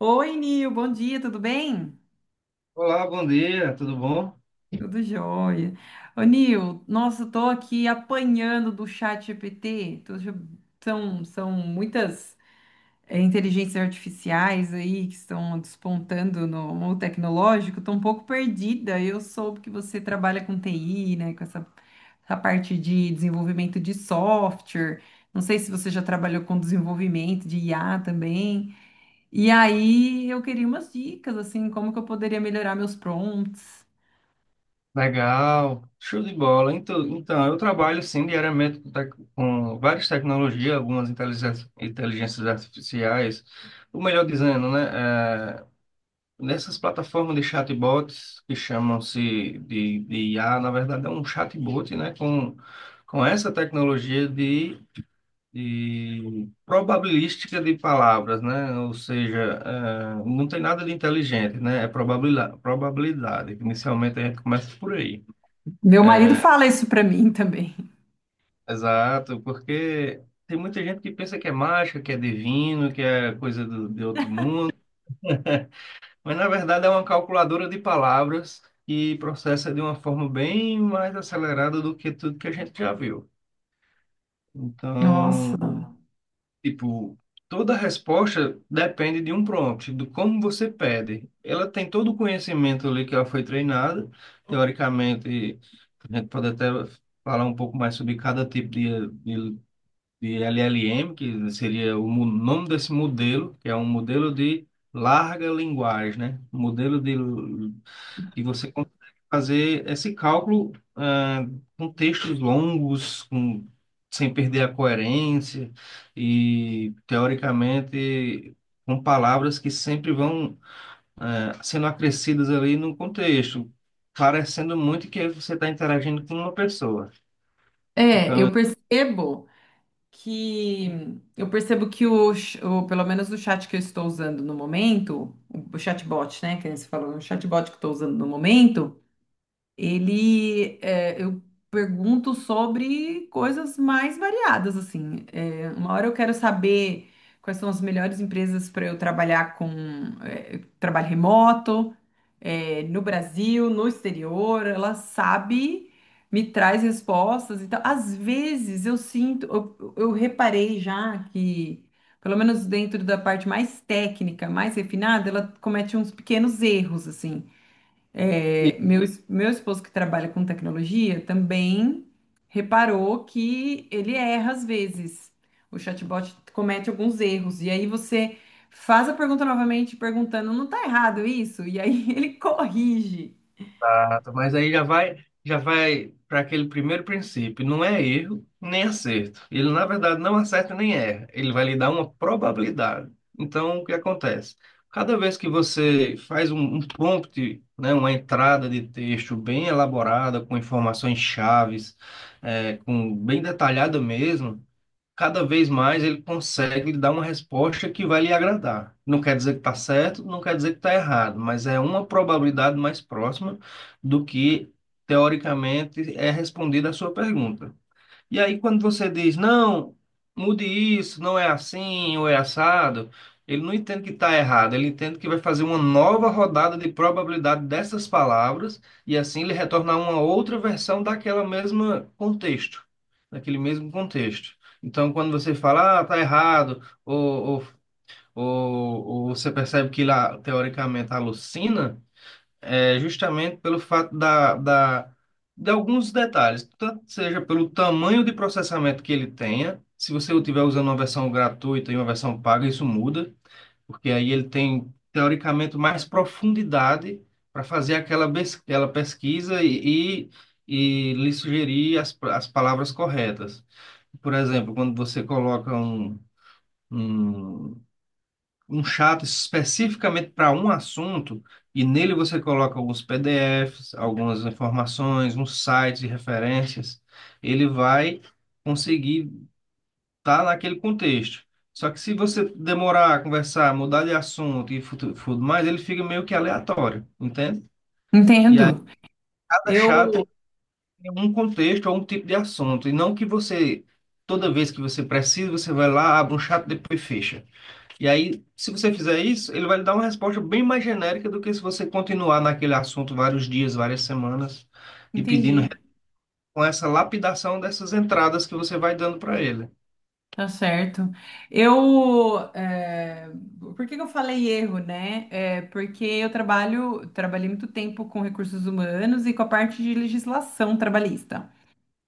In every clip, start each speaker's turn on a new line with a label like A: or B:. A: Oi, Nil, bom dia, tudo bem?
B: Olá, bom dia, tudo bom?
A: Tudo jóia. Ô, Nil, nossa, eu tô aqui apanhando do chat GPT. São muitas inteligências artificiais aí que estão despontando no mundo tecnológico. Tô um pouco perdida. Eu soube que você trabalha com TI, né? Essa parte de desenvolvimento de software. Não sei se você já trabalhou com desenvolvimento de IA também. E aí eu queria umas dicas, assim, como que eu poderia melhorar meus prompts.
B: Legal, show de bola. Então, eu trabalho sim diariamente com, com várias tecnologias, algumas inteligências artificiais, ou melhor dizendo, né, nessas plataformas de chatbots que chamam-se de IA, na verdade é um chatbot, né, com essa tecnologia de e probabilística de palavras, né? Ou seja, não tem nada de inteligente, né? É probabilidade, probabilidade. Inicialmente a gente começa por aí.
A: Meu marido fala isso pra mim também.
B: Exato, porque tem muita gente que pensa que é mágica, que é divino, que é coisa do, de outro mundo, mas na verdade é uma calculadora de palavras que processa de uma forma bem mais acelerada do que tudo que a gente já viu.
A: Nossa.
B: Então, tipo, toda resposta depende de um prompt, do como você pede. Ela tem todo o conhecimento ali que ela foi treinada, teoricamente, a gente pode até falar um pouco mais sobre cada tipo de LLM, que seria o nome desse modelo, que é um modelo de larga linguagem, né? Um modelo de e você consegue fazer esse cálculo, com textos longos, com, sem perder a coerência e, teoricamente, com palavras que sempre vão, sendo acrescidas ali no contexto, parecendo muito que você está interagindo com uma pessoa.
A: É, que eu percebo que pelo menos o chat que eu estou usando no momento, o chatbot, né, que você falou, o chatbot que eu estou usando no momento, eu pergunto sobre coisas mais variadas, assim. É, uma hora eu quero saber quais são as melhores empresas para eu trabalhar com trabalho remoto, é, no Brasil, no exterior. Ela sabe, me traz respostas. Então, às vezes eu sinto, eu reparei já que, pelo menos dentro da parte mais técnica, mais refinada, ela comete uns pequenos erros, assim. É, meu esposo que trabalha com tecnologia também reparou que ele erra às vezes. O chatbot comete alguns erros. E aí você faz a pergunta novamente, perguntando, não tá errado isso? E aí ele corrige.
B: Exato, mas aí já vai para aquele primeiro princípio, não é erro nem acerto. Ele, na verdade, não acerta nem erra, ele vai lhe dar uma probabilidade. Então, o que acontece? Cada vez que você faz um prompt, né, uma entrada de texto bem elaborada, com informações chaves, é, com, bem detalhada mesmo, cada vez mais ele consegue lhe dar uma resposta que vai lhe agradar. Não quer dizer que está certo, não quer dizer que está errado, mas é uma probabilidade mais próxima do que teoricamente é respondida a sua pergunta. E aí, quando você diz, não, mude isso, não é assim ou é assado, ele não entende que está errado, ele entende que vai fazer uma nova rodada de probabilidade dessas palavras e assim ele retornar uma outra versão daquela mesma contexto, daquele mesmo contexto. Então, quando você fala, ah, tá errado, ou você percebe que lá, teoricamente, alucina. É justamente pelo fato de alguns detalhes, tanto seja pelo tamanho de processamento que ele tenha, se você estiver usando uma versão gratuita e uma versão paga, isso muda, porque aí ele tem, teoricamente, mais profundidade para fazer aquela, aquela pesquisa e lhe sugerir as palavras corretas. Por exemplo, quando você coloca um um chat especificamente para um assunto, e nele você coloca alguns PDFs, algumas informações, uns sites e referências, ele vai conseguir estar naquele contexto. Só que se você demorar a conversar, mudar de assunto e tudo mais, ele fica meio que aleatório, entende?
A: Entendo.
B: Cada chat
A: Eu
B: tem um contexto ou um tipo de assunto, e não que você, toda vez que você precisa, você vai lá, abre um chat, depois fecha. E aí, se você fizer isso, ele vai lhe dar uma resposta bem mais genérica do que se você continuar naquele assunto vários dias, várias semanas e
A: entendi.
B: pedindo uhum, com essa lapidação dessas entradas que você vai dando para ele.
A: Tá certo. Eu, é, por que que eu falei erro, né? É porque eu trabalhei muito tempo com recursos humanos e com a parte de legislação trabalhista.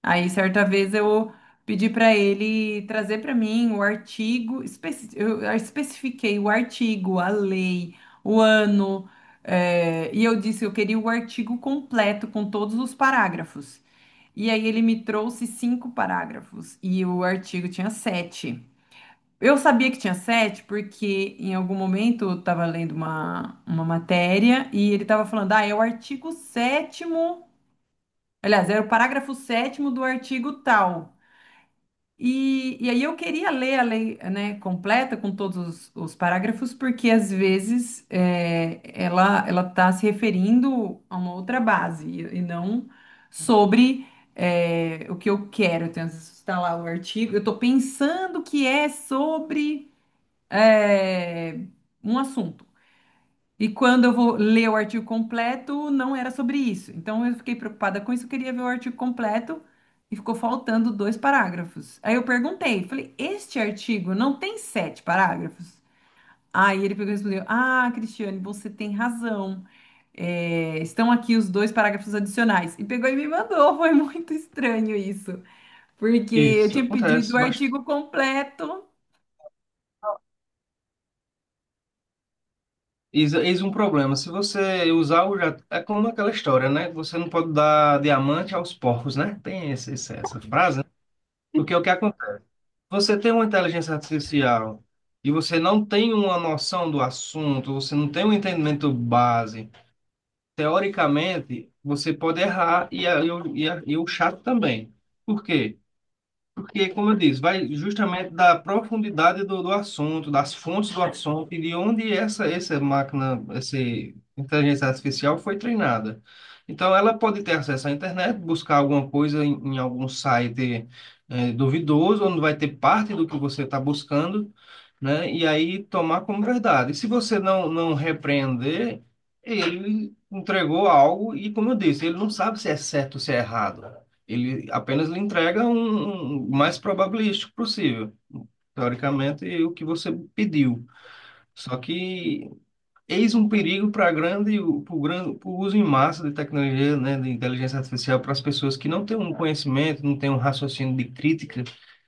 A: Aí, certa vez, eu pedi para ele trazer para mim o artigo, eu especifiquei o artigo, a lei, o ano, e eu disse que eu queria o artigo completo com todos os parágrafos. E aí ele me trouxe cinco parágrafos e o artigo tinha sete. Eu sabia que tinha sete porque em algum momento eu estava lendo uma matéria e ele estava falando, ah, é o artigo sétimo, aliás, era o parágrafo sétimo do artigo tal. E aí eu queria ler a lei, né, completa com todos os parágrafos, porque às vezes é, ela está se referindo a uma outra base e não sobre é, o que eu quero. Então, às vezes está lá o artigo, eu estou pensando que é sobre é, um assunto. E quando eu vou ler o artigo completo, não era sobre isso. Então eu fiquei preocupada com isso, eu queria ver o artigo completo e ficou faltando dois parágrafos. Aí eu perguntei, falei, este artigo não tem sete parágrafos? Aí ele pegou e respondeu: Ah, Cristiane, você tem razão. É, estão aqui os dois parágrafos adicionais. E pegou e me mandou. Foi muito estranho isso, porque eu
B: Isso
A: tinha pedido o
B: acontece bastante.
A: artigo completo.
B: Eis um problema. Se você usar o já é como aquela história, né? Você não pode dar diamante aos porcos, né? Tem essa frase, né? Porque é o que acontece? Você tem uma inteligência artificial e você não tem uma noção do assunto, você não tem um entendimento base. Teoricamente, você pode errar e o chato também. Por quê? Porque, como eu disse, vai justamente da profundidade do assunto, das fontes do assunto e de onde essa máquina, essa inteligência artificial foi treinada. Então, ela pode ter acesso à internet, buscar alguma coisa em algum site duvidoso, onde vai ter parte do que você está buscando, né? E aí tomar como verdade. E se você não repreender, ele entregou algo e, como eu disse, ele não sabe se é certo ou se é errado. Ele apenas lhe entrega um mais probabilístico possível, teoricamente, o que você pediu. Só que eis um perigo para o grande, para o uso em massa de tecnologia, né, de inteligência artificial para as pessoas que não têm um conhecimento, não têm um raciocínio de crítica,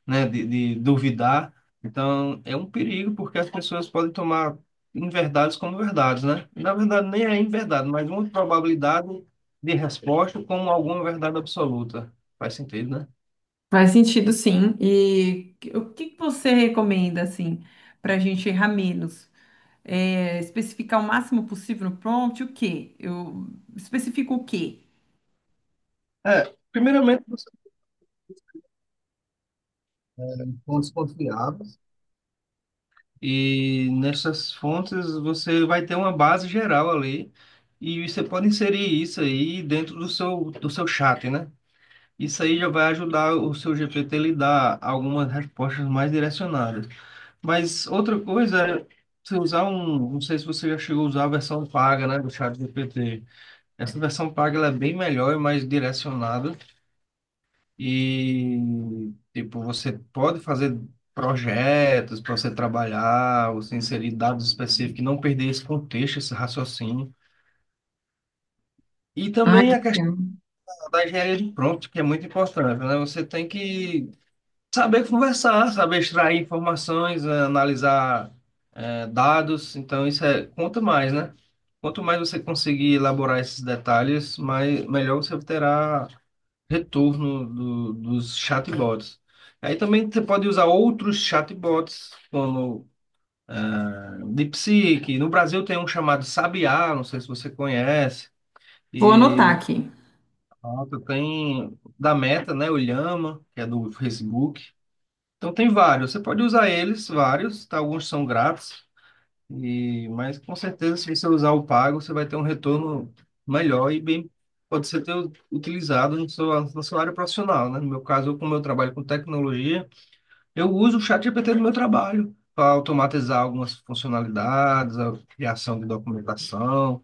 B: né, de duvidar. Então, é um perigo porque as pessoas podem tomar inverdades como verdades, né? Na verdade, nem é inverdade, mas uma probabilidade de resposta como alguma verdade absoluta. Faz sentido, né?
A: Faz sentido, sim. E o que que você recomenda, assim, para a gente errar menos? É, especificar o máximo possível no prompt, o quê? Eu especifico o quê?
B: É, primeiramente, você tem fontes confiáveis e nessas fontes você vai ter uma base geral ali e você pode inserir isso aí dentro do seu chat, né? Isso aí já vai ajudar o seu GPT a lhe dar algumas respostas mais direcionadas. Mas outra coisa é você usar um, não sei se você já chegou a usar a versão paga, né, do chat GPT. Essa versão paga ela é bem melhor e mais direcionada e, tipo, você pode fazer projetos para você trabalhar, você inserir dados específicos, e não perder esse contexto, esse raciocínio. E
A: Ah,
B: também
A: que
B: a questão
A: legal.
B: da engenharia de prompt, que é muito importante, né? Você tem que saber conversar, saber extrair informações, analisar, dados. Então, isso é, conta mais, né? Quanto mais você conseguir elaborar esses detalhes, mais, melhor você terá retorno dos chatbots. Aí também você pode usar outros chatbots, como DeepSeek. No Brasil tem um chamado Sabiá, não sei se você conhece.
A: Vou
B: E
A: anotar aqui.
B: outro tem da Meta, né? O Llama, que é do Facebook. Então tem vários. Você pode usar eles, vários. Tá? Alguns são grátis. E, mas com certeza, se você usar o pago, você vai ter um retorno melhor e bem. Pode ser ter utilizado na sua área profissional, né? No meu caso, eu, como eu trabalho com tecnologia, eu uso o ChatGPT no meu trabalho para automatizar algumas funcionalidades, a criação de documentação,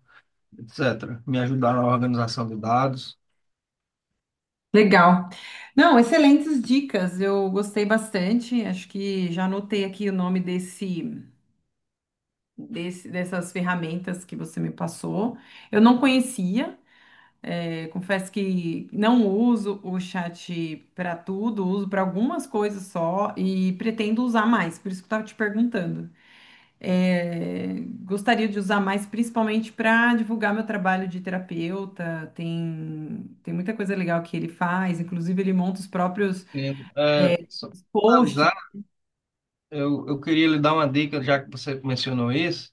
B: etc. Me ajudar na organização de dados.
A: Legal. Não, excelentes dicas. Eu gostei bastante. Acho que já anotei aqui o nome dessas ferramentas que você me passou. Eu não conhecia. É, confesso que não uso o chat para tudo, uso para algumas coisas só e pretendo usar mais, por isso que eu estava te perguntando. É, gostaria de usar mais, principalmente para divulgar meu trabalho de terapeuta. Tem muita coisa legal que ele faz, inclusive ele monta os próprios
B: Entendo. É, só para
A: posts.
B: finalizar, eu queria lhe dar uma dica, já que você mencionou isso,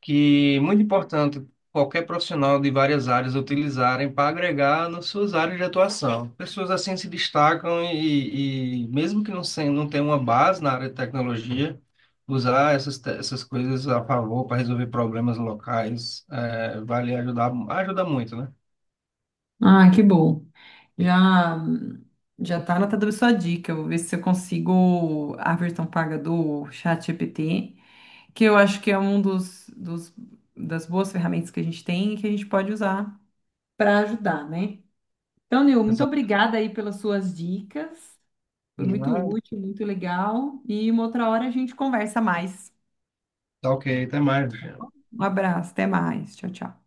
B: que é muito importante qualquer profissional de várias áreas utilizarem para agregar nas suas áreas de atuação. Pessoas assim se destacam e mesmo que não, sem, não tenham uma base na área de tecnologia, usar essas, essas coisas a favor para resolver problemas locais, eh, vale ajudar, ajuda muito, né?
A: Ah, que bom. Já já tá anotada a sua dica. Eu vou ver se eu consigo a versão paga do chat GPT que eu acho que é um das boas ferramentas que a gente tem e que a gente pode usar para ajudar, né? Então, Nil, muito
B: Exato.
A: obrigada aí pelas suas dicas. Foi muito
B: Ah,
A: útil, muito legal. E uma outra hora a gente conversa mais.
B: tá, ok, até mais.
A: Um abraço, até mais. Tchau, tchau.